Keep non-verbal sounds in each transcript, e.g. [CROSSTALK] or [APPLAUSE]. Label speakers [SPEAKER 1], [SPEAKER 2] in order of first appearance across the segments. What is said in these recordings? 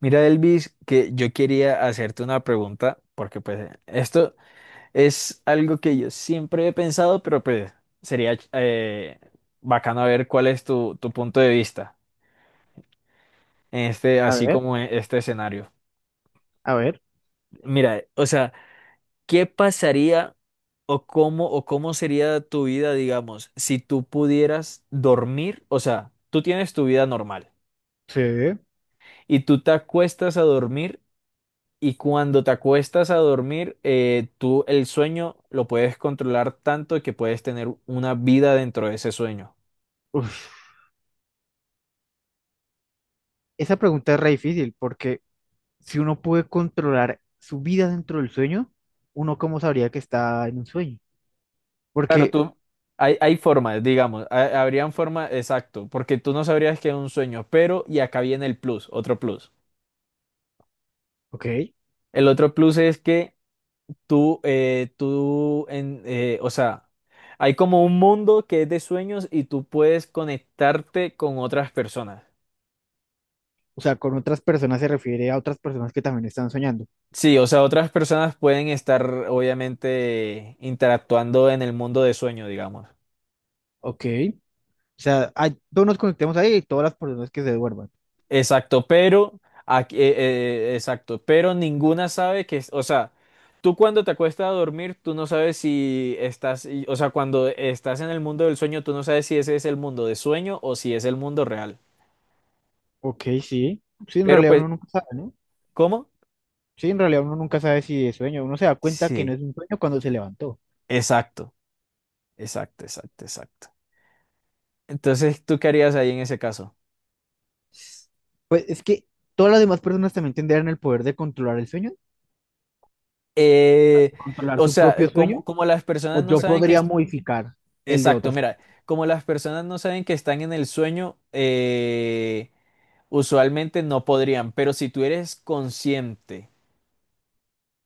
[SPEAKER 1] Mira, Elvis, que yo quería hacerte una pregunta, porque pues esto es algo que yo siempre he pensado, pero pues sería bacano ver cuál es tu punto de vista en este,
[SPEAKER 2] A
[SPEAKER 1] así
[SPEAKER 2] ver,
[SPEAKER 1] como en este escenario.
[SPEAKER 2] a ver.
[SPEAKER 1] Mira, o sea, ¿qué pasaría o cómo sería tu vida, digamos, si tú pudieras dormir? O sea, tú tienes tu vida normal
[SPEAKER 2] Sí,
[SPEAKER 1] y tú te acuestas a dormir. Y cuando te acuestas a dormir, tú el sueño lo puedes controlar tanto que puedes tener una vida dentro de ese sueño.
[SPEAKER 2] uf, esa pregunta es re difícil porque si uno puede controlar su vida dentro del sueño, uno cómo sabría que está en un sueño.
[SPEAKER 1] Claro,
[SPEAKER 2] Porque,
[SPEAKER 1] tú, hay formas, digamos, habrían formas, exacto, porque tú no sabrías que es un sueño, pero, y acá viene el plus, otro plus.
[SPEAKER 2] ok,
[SPEAKER 1] El otro plus es que tú, tú, o sea, hay como un mundo que es de sueños y tú puedes conectarte con otras personas.
[SPEAKER 2] o sea, con otras personas se refiere a otras personas que también están soñando.
[SPEAKER 1] Sí, o sea, otras personas pueden estar obviamente interactuando en el mundo de sueño, digamos.
[SPEAKER 2] Ok, o sea, todos nos conectemos ahí y todas las personas que se duerman.
[SPEAKER 1] Exacto, pero aquí, exacto, pero ninguna sabe que, o sea, tú cuando te acuestas a dormir, tú no sabes si estás, o sea, cuando estás en el mundo del sueño, tú no sabes si ese es el mundo de sueño o si es el mundo real.
[SPEAKER 2] Ok, sí. Sí, en
[SPEAKER 1] Pero
[SPEAKER 2] realidad
[SPEAKER 1] pues,
[SPEAKER 2] uno nunca sabe, ¿no?
[SPEAKER 1] ¿cómo?
[SPEAKER 2] Sí, en realidad uno nunca sabe si es sueño. Uno se da cuenta que no
[SPEAKER 1] Sí,
[SPEAKER 2] es un sueño cuando se levantó.
[SPEAKER 1] exacto, exacto, exacto, exacto. Entonces, ¿tú qué harías ahí en ese caso?
[SPEAKER 2] Pues es que todas las demás personas también tendrían el poder de controlar el sueño.
[SPEAKER 1] Eh,
[SPEAKER 2] Controlar
[SPEAKER 1] o
[SPEAKER 2] su
[SPEAKER 1] sea,
[SPEAKER 2] propio sueño
[SPEAKER 1] como, como las personas
[SPEAKER 2] o
[SPEAKER 1] no
[SPEAKER 2] yo
[SPEAKER 1] saben que...
[SPEAKER 2] podría modificar el de
[SPEAKER 1] Exacto,
[SPEAKER 2] otras.
[SPEAKER 1] mira, como las personas no saben que están en el sueño, usualmente no podrían, pero si tú eres consciente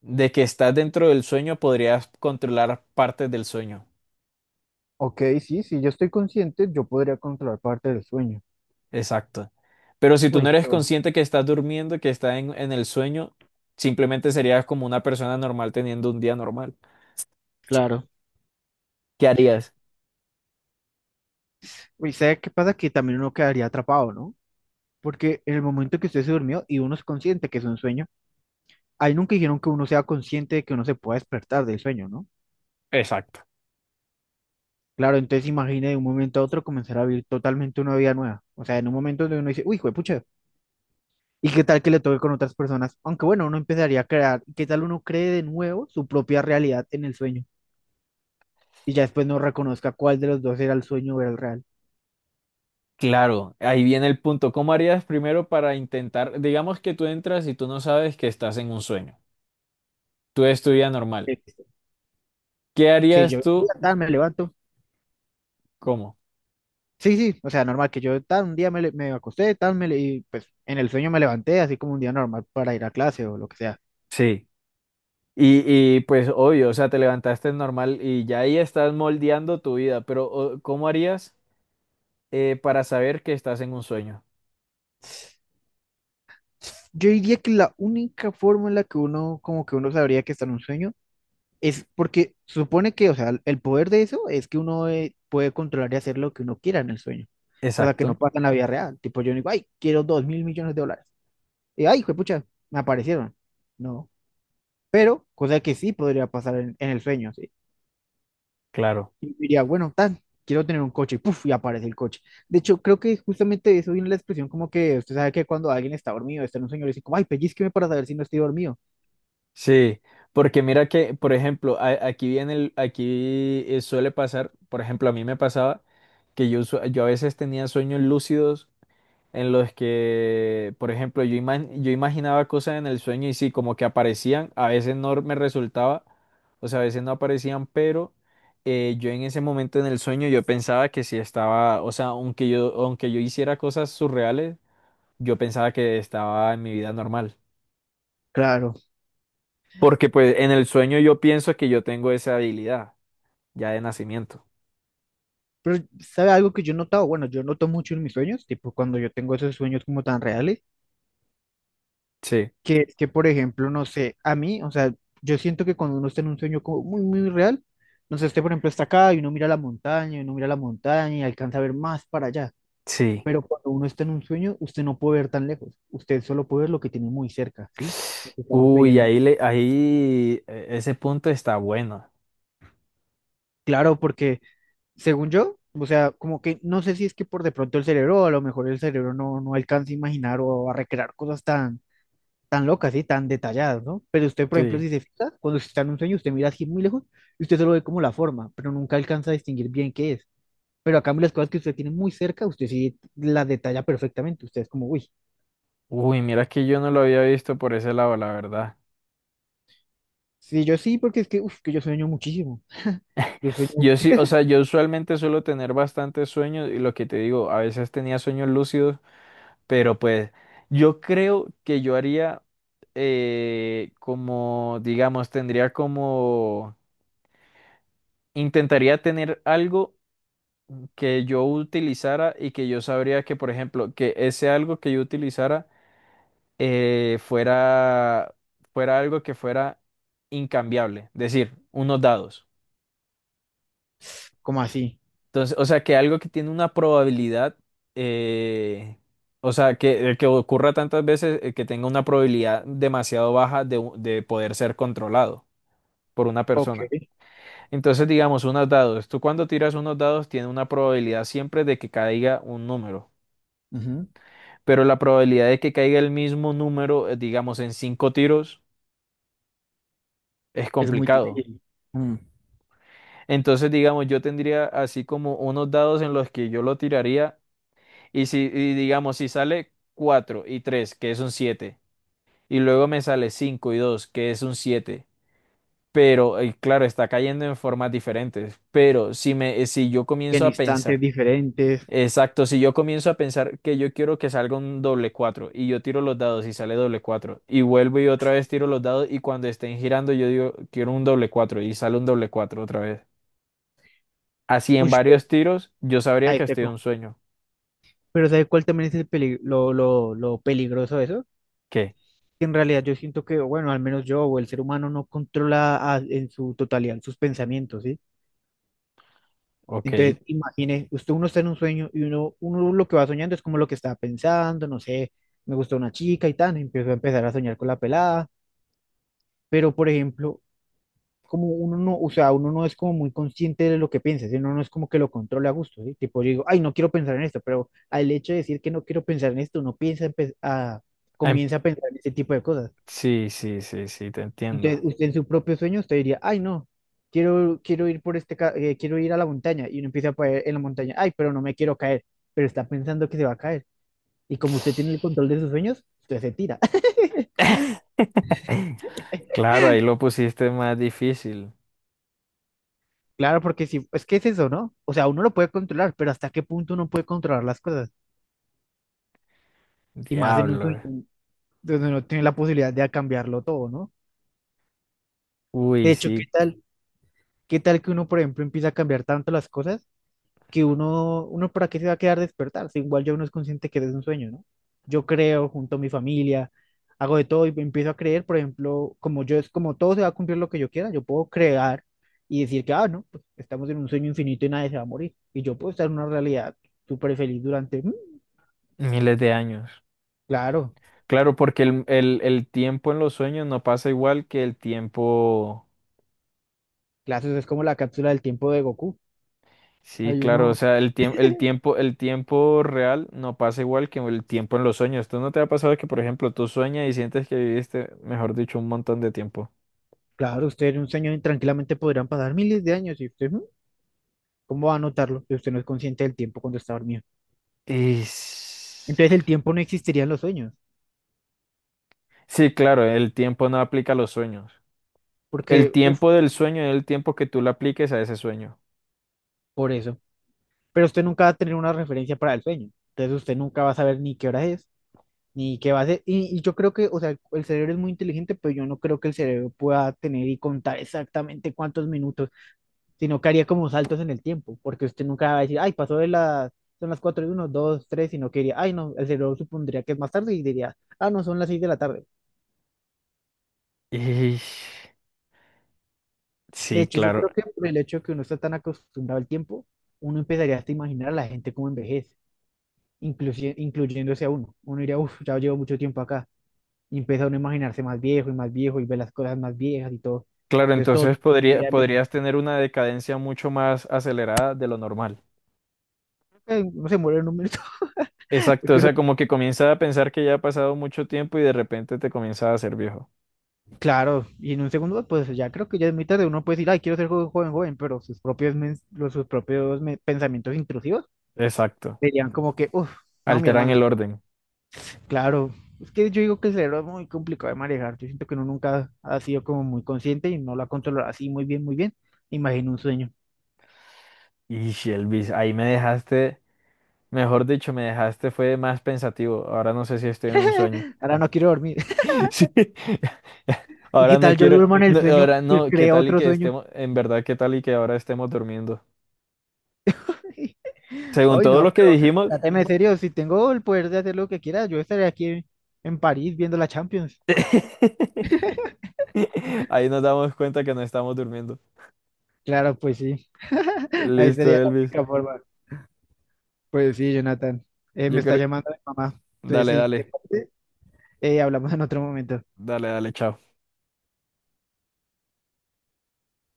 [SPEAKER 1] de que estás dentro del sueño, podrías controlar partes del sueño.
[SPEAKER 2] Ok, sí, si yo estoy consciente, yo podría controlar parte del sueño.
[SPEAKER 1] Exacto. Pero si tú no
[SPEAKER 2] Uy,
[SPEAKER 1] eres
[SPEAKER 2] pero
[SPEAKER 1] consciente que estás durmiendo, que estás en el sueño, simplemente serías como una persona normal teniendo un día normal.
[SPEAKER 2] claro.
[SPEAKER 1] ¿Qué harías?
[SPEAKER 2] Uy, ¿sabe qué pasa? Que también uno quedaría atrapado, ¿no? Porque en el momento que usted se durmió y uno es consciente que es un sueño, ahí nunca dijeron que uno sea consciente de que uno se pueda despertar del sueño, ¿no?
[SPEAKER 1] Exacto.
[SPEAKER 2] Claro, entonces imagine de un momento a otro comenzar a vivir totalmente una vida nueva. O sea, en un momento donde uno dice, uy, pucha, ¿y qué tal que le toque con otras personas? Aunque bueno, uno empezaría a crear, ¿qué tal uno cree de nuevo su propia realidad en el sueño? Y ya después no reconozca cuál de los dos era el sueño o era el real.
[SPEAKER 1] Claro, ahí viene el punto. ¿Cómo harías primero para intentar, digamos que tú entras y tú no sabes que estás en un sueño, tú es tu vida normal.
[SPEAKER 2] Listo.
[SPEAKER 1] ¿Qué
[SPEAKER 2] Sí,
[SPEAKER 1] harías
[SPEAKER 2] yo un
[SPEAKER 1] tú?
[SPEAKER 2] día tal me levanto.
[SPEAKER 1] ¿Cómo?
[SPEAKER 2] Sí, sí, o sea, normal que yo tal un día me acosté, tal y pues en el sueño me levanté, así como un día normal para ir a clase o lo que sea.
[SPEAKER 1] Sí. Pues obvio, o sea, te levantaste normal y ya ahí estás moldeando tu vida, pero ¿cómo harías para saber que estás en un sueño?
[SPEAKER 2] Yo diría que la única forma en la que uno, como que uno sabría que está en un sueño es porque supone que, o sea, el poder de eso es que uno puede controlar y hacer lo que uno quiera en el sueño, cosa que
[SPEAKER 1] Exacto,
[SPEAKER 2] no pasa en la vida real. Tipo, yo no digo, ay, quiero 2.000 millones de dólares. Y, ay, pucha, me aparecieron. No, pero cosa que sí podría pasar en el sueño, sí.
[SPEAKER 1] claro.
[SPEAKER 2] Y diría, bueno, tan, quiero tener un coche, y puf, y aparece el coche. De hecho, creo que justamente de eso viene la expresión como que usted sabe que cuando alguien está dormido, está en un sueño, le dicen como, ay, pellizqueme para saber si no estoy dormido.
[SPEAKER 1] Sí, porque mira que, por ejemplo, aquí viene el, aquí suele pasar, por ejemplo, a mí me pasaba que yo, yo a veces tenía sueños lúcidos en los que, por ejemplo, yo, yo imaginaba cosas en el sueño y sí, como que aparecían, a veces no me resultaba, o sea, a veces no aparecían, pero yo en ese momento en el sueño yo pensaba que sí estaba, o sea, aunque yo hiciera cosas surreales, yo pensaba que estaba en mi vida normal.
[SPEAKER 2] Claro,
[SPEAKER 1] Porque pues en el sueño yo pienso que yo tengo esa habilidad ya de nacimiento.
[SPEAKER 2] pero, ¿sabe algo que yo he notado? Bueno, yo noto mucho en mis sueños, tipo cuando yo tengo esos sueños como tan reales,
[SPEAKER 1] Sí,
[SPEAKER 2] que es que, por ejemplo, no sé, a mí, o sea, yo siento que cuando uno está en un sueño como muy, muy real, no sé, este, por ejemplo, está acá y uno mira la montaña, y uno mira la montaña y alcanza a ver más para allá.
[SPEAKER 1] sí.
[SPEAKER 2] Pero cuando uno está en un sueño, usted no puede ver tan lejos, usted solo puede ver lo que tiene muy cerca, ¿sí? Lo que está
[SPEAKER 1] Uy,
[SPEAKER 2] sucediendo.
[SPEAKER 1] ahí le, ahí ese punto está bueno.
[SPEAKER 2] Claro, porque según yo, o sea, como que no sé si es que por de pronto el cerebro, a lo mejor el cerebro no alcanza a imaginar o a recrear cosas tan tan locas, ¿sí? Tan detalladas, ¿no? Pero usted, por ejemplo,
[SPEAKER 1] Sí.
[SPEAKER 2] si se fija, cuando usted está en un sueño, usted mira así muy lejos y usted solo ve como la forma, pero nunca alcanza a distinguir bien qué es. Pero a cambio, las cosas que usted tiene muy cerca, usted sí las detalla perfectamente. Usted es como, uy,
[SPEAKER 1] Uy, mira que yo no lo había visto por ese lado, la verdad.
[SPEAKER 2] sí, yo sí, porque es que, uf, que yo sueño muchísimo. Yo sueño
[SPEAKER 1] Yo sí, o sea, yo usualmente suelo tener bastantes sueños y lo que te digo, a veces tenía sueños lúcidos, pero pues yo creo que yo haría como, digamos, tendría como, intentaría tener algo que yo utilizara y que yo sabría que, por ejemplo, que ese algo que yo utilizara eh, fuera, fuera algo que fuera incambiable, decir, unos dados.
[SPEAKER 2] como así.
[SPEAKER 1] Entonces, o sea, que algo que tiene una probabilidad, eh, o sea, que ocurra tantas veces, que tenga una probabilidad demasiado baja de de poder ser controlado por una
[SPEAKER 2] Ok.
[SPEAKER 1] persona. Entonces, digamos, unos dados. Tú cuando tiras unos dados, tiene una probabilidad siempre de que caiga un número.
[SPEAKER 2] Ujú.
[SPEAKER 1] Pero la probabilidad de que caiga el mismo número, digamos, en cinco tiros, es
[SPEAKER 2] Es muy
[SPEAKER 1] complicado.
[SPEAKER 2] difícil. Mm.
[SPEAKER 1] Entonces, digamos, yo tendría así como unos dados en los que yo lo tiraría. Y si, y digamos, si sale 4 y 3 que es un 7 y luego me sale 5 y 2 que es un siete, pero, y claro, está cayendo en formas diferentes, pero si me, si yo
[SPEAKER 2] En
[SPEAKER 1] comienzo a
[SPEAKER 2] instantes
[SPEAKER 1] pensar,
[SPEAKER 2] diferentes.
[SPEAKER 1] exacto, si yo comienzo a pensar que yo quiero que salga un doble 4 y yo tiro los dados y sale doble 4 y vuelvo y otra vez tiro los dados y cuando estén girando yo digo, quiero un doble 4 y sale un doble 4 otra vez. Así en
[SPEAKER 2] Uy, pero,
[SPEAKER 1] varios tiros, yo sabría
[SPEAKER 2] ahí
[SPEAKER 1] que
[SPEAKER 2] está
[SPEAKER 1] estoy en un
[SPEAKER 2] como-
[SPEAKER 1] sueño.
[SPEAKER 2] pero ¿sabe cuál también es el lo peligroso de eso?
[SPEAKER 1] ¿Qué?
[SPEAKER 2] En realidad yo siento que, bueno, al menos yo o el ser humano no controla en su totalidad sus pensamientos, ¿sí?
[SPEAKER 1] Ok.
[SPEAKER 2] Entonces, imagine, usted uno está en un sueño y uno lo que va soñando es como lo que estaba pensando, no sé, me gustó una chica y tal, empiezo a empezar a soñar con la pelada, pero por ejemplo, como uno no, o sea, uno no es como muy consciente de lo que piensa, ¿sí? Uno no es como que lo controle a gusto, ¿sí? Tipo, yo digo, ay, no quiero pensar en esto, pero al hecho de decir que no quiero pensar en esto, uno piensa,
[SPEAKER 1] Ah,
[SPEAKER 2] comienza a pensar en ese tipo de cosas.
[SPEAKER 1] sí, sí, sí, sí, te
[SPEAKER 2] Entonces,
[SPEAKER 1] entiendo.
[SPEAKER 2] usted en su propio sueño, usted diría, ay, no, quiero, quiero ir por este, quiero ir a la montaña. Y uno empieza a caer en la montaña, ay, pero no me quiero caer, pero está pensando que se va a caer. Y como usted tiene el
[SPEAKER 1] [SNIFFS]
[SPEAKER 2] control de sus sueños, usted se tira. [LAUGHS]
[SPEAKER 1] [LAUGHS] Claro, ahí lo pusiste más difícil.
[SPEAKER 2] Claro, porque si, es que es eso, ¿no? O sea, uno lo puede controlar, pero ¿hasta qué punto uno puede controlar las cosas? Y más en un
[SPEAKER 1] Diablo.
[SPEAKER 2] sueño donde uno tiene la posibilidad de cambiarlo todo, ¿no? De
[SPEAKER 1] Uy,
[SPEAKER 2] hecho,
[SPEAKER 1] sí,
[SPEAKER 2] qué tal que uno, por ejemplo, empieza a cambiar tanto las cosas que uno, uno para qué se va a quedar despertar, si igual ya uno es consciente que es un sueño, ¿no? Yo creo junto a mi familia, hago de todo y empiezo a creer, por ejemplo, como yo es como todo se va a cumplir lo que yo quiera, yo puedo crear y decir que, ah, no, pues estamos en un sueño infinito y nadie se va a morir. Y yo puedo estar en una realidad súper feliz durante, mm,
[SPEAKER 1] miles de años.
[SPEAKER 2] claro,
[SPEAKER 1] Claro, porque el tiempo en los sueños no pasa igual que el tiempo.
[SPEAKER 2] claro, eso es como la cápsula del tiempo de Goku.
[SPEAKER 1] Sí,
[SPEAKER 2] Hay
[SPEAKER 1] claro, o
[SPEAKER 2] uno,
[SPEAKER 1] sea, el tiempo real no pasa igual que el tiempo en los sueños. ¿Tú no te ha pasado que, por ejemplo, tú sueñas y sientes que viviste, mejor dicho, un montón de tiempo?
[SPEAKER 2] claro, ustedes en un sueño tranquilamente podrán pasar miles de años y usted, mm, ¿cómo va a notarlo? Si usted no es consciente del tiempo cuando está dormido.
[SPEAKER 1] Y... s-
[SPEAKER 2] Entonces el tiempo no existiría en los sueños.
[SPEAKER 1] Sí, claro, el tiempo no aplica a los sueños. El
[SPEAKER 2] Porque, uff,
[SPEAKER 1] tiempo del sueño es el tiempo que tú le apliques a ese sueño.
[SPEAKER 2] por eso. Pero usted nunca va a tener una referencia para el sueño. Entonces usted nunca va a saber ni qué hora es, ni qué va a hacer. Y yo creo que, o sea, el cerebro es muy inteligente, pero yo no creo que el cerebro pueda tener y contar exactamente cuántos minutos, sino que haría como saltos en el tiempo, porque usted nunca va a decir, ay, pasó de las, son las 4 y uno 2 3 sino que diría, ay, no, el cerebro supondría que es más tarde y diría, ah, no, son las 6 de la tarde.
[SPEAKER 1] Y
[SPEAKER 2] De
[SPEAKER 1] sí,
[SPEAKER 2] hecho, yo
[SPEAKER 1] claro.
[SPEAKER 2] creo que por el hecho de que uno está tan acostumbrado al tiempo, uno empezaría hasta a imaginar a la gente como envejece. Incluyéndose a uno. Uno diría, uff, ya llevo mucho tiempo acá. Y empieza uno a imaginarse más viejo y ve las cosas más viejas y todo.
[SPEAKER 1] Claro,
[SPEAKER 2] Entonces todo
[SPEAKER 1] entonces
[SPEAKER 2] tendría enveje-
[SPEAKER 1] podrías tener una decadencia mucho más acelerada de lo normal.
[SPEAKER 2] eh, No se muere en un minuto. [LAUGHS] Yo
[SPEAKER 1] Exacto, o
[SPEAKER 2] creo-
[SPEAKER 1] sea, como que comienzas a pensar que ya ha pasado mucho tiempo y de repente te comienzas a hacer viejo.
[SPEAKER 2] claro, y en un segundo, pues ya creo que ya es muy tarde. Uno puede decir, ay, quiero ser joven, joven, joven", pero sus propios, los, sus propios pensamientos intrusivos
[SPEAKER 1] Exacto.
[SPEAKER 2] serían como que, uff, no, mi
[SPEAKER 1] Alteran
[SPEAKER 2] hermano,
[SPEAKER 1] el
[SPEAKER 2] usted-
[SPEAKER 1] orden.
[SPEAKER 2] claro. Es que yo digo que el cerebro es muy complicado de manejar. Yo siento que uno nunca ha sido como muy consciente y no lo ha controlado así muy bien, muy bien. Imagino un sueño.
[SPEAKER 1] Y Elvis, ahí me dejaste, mejor dicho, me dejaste fue más pensativo. Ahora no sé si estoy en un sueño.
[SPEAKER 2] Ahora no quiero dormir.
[SPEAKER 1] [LAUGHS] Sí.
[SPEAKER 2] ¿Y
[SPEAKER 1] Ahora
[SPEAKER 2] qué
[SPEAKER 1] no
[SPEAKER 2] tal yo
[SPEAKER 1] quiero,
[SPEAKER 2] duermo en el
[SPEAKER 1] no,
[SPEAKER 2] sueño
[SPEAKER 1] ahora
[SPEAKER 2] y
[SPEAKER 1] no, ¿qué
[SPEAKER 2] creo
[SPEAKER 1] tal y
[SPEAKER 2] otro
[SPEAKER 1] que
[SPEAKER 2] sueño?
[SPEAKER 1] estemos, en verdad, qué tal y que ahora estemos durmiendo?
[SPEAKER 2] [LAUGHS]
[SPEAKER 1] Según
[SPEAKER 2] Ay,
[SPEAKER 1] todo
[SPEAKER 2] no,
[SPEAKER 1] lo que
[SPEAKER 2] pero
[SPEAKER 1] dijimos,
[SPEAKER 2] tráteme serio, si tengo el poder de hacer lo que quiera, yo estaré aquí en París viendo la Champions.
[SPEAKER 1] [LAUGHS] ahí nos damos cuenta que no estamos durmiendo.
[SPEAKER 2] Claro, pues sí, ahí
[SPEAKER 1] Listo,
[SPEAKER 2] sería la
[SPEAKER 1] Elvis.
[SPEAKER 2] única forma. Pues sí, Jonathan, eh,
[SPEAKER 1] Yo
[SPEAKER 2] me está
[SPEAKER 1] creo,
[SPEAKER 2] llamando mi mamá. Entonces,
[SPEAKER 1] dale,
[SPEAKER 2] sí, te
[SPEAKER 1] dale,
[SPEAKER 2] parece, hablamos en otro momento.
[SPEAKER 1] dale, chao.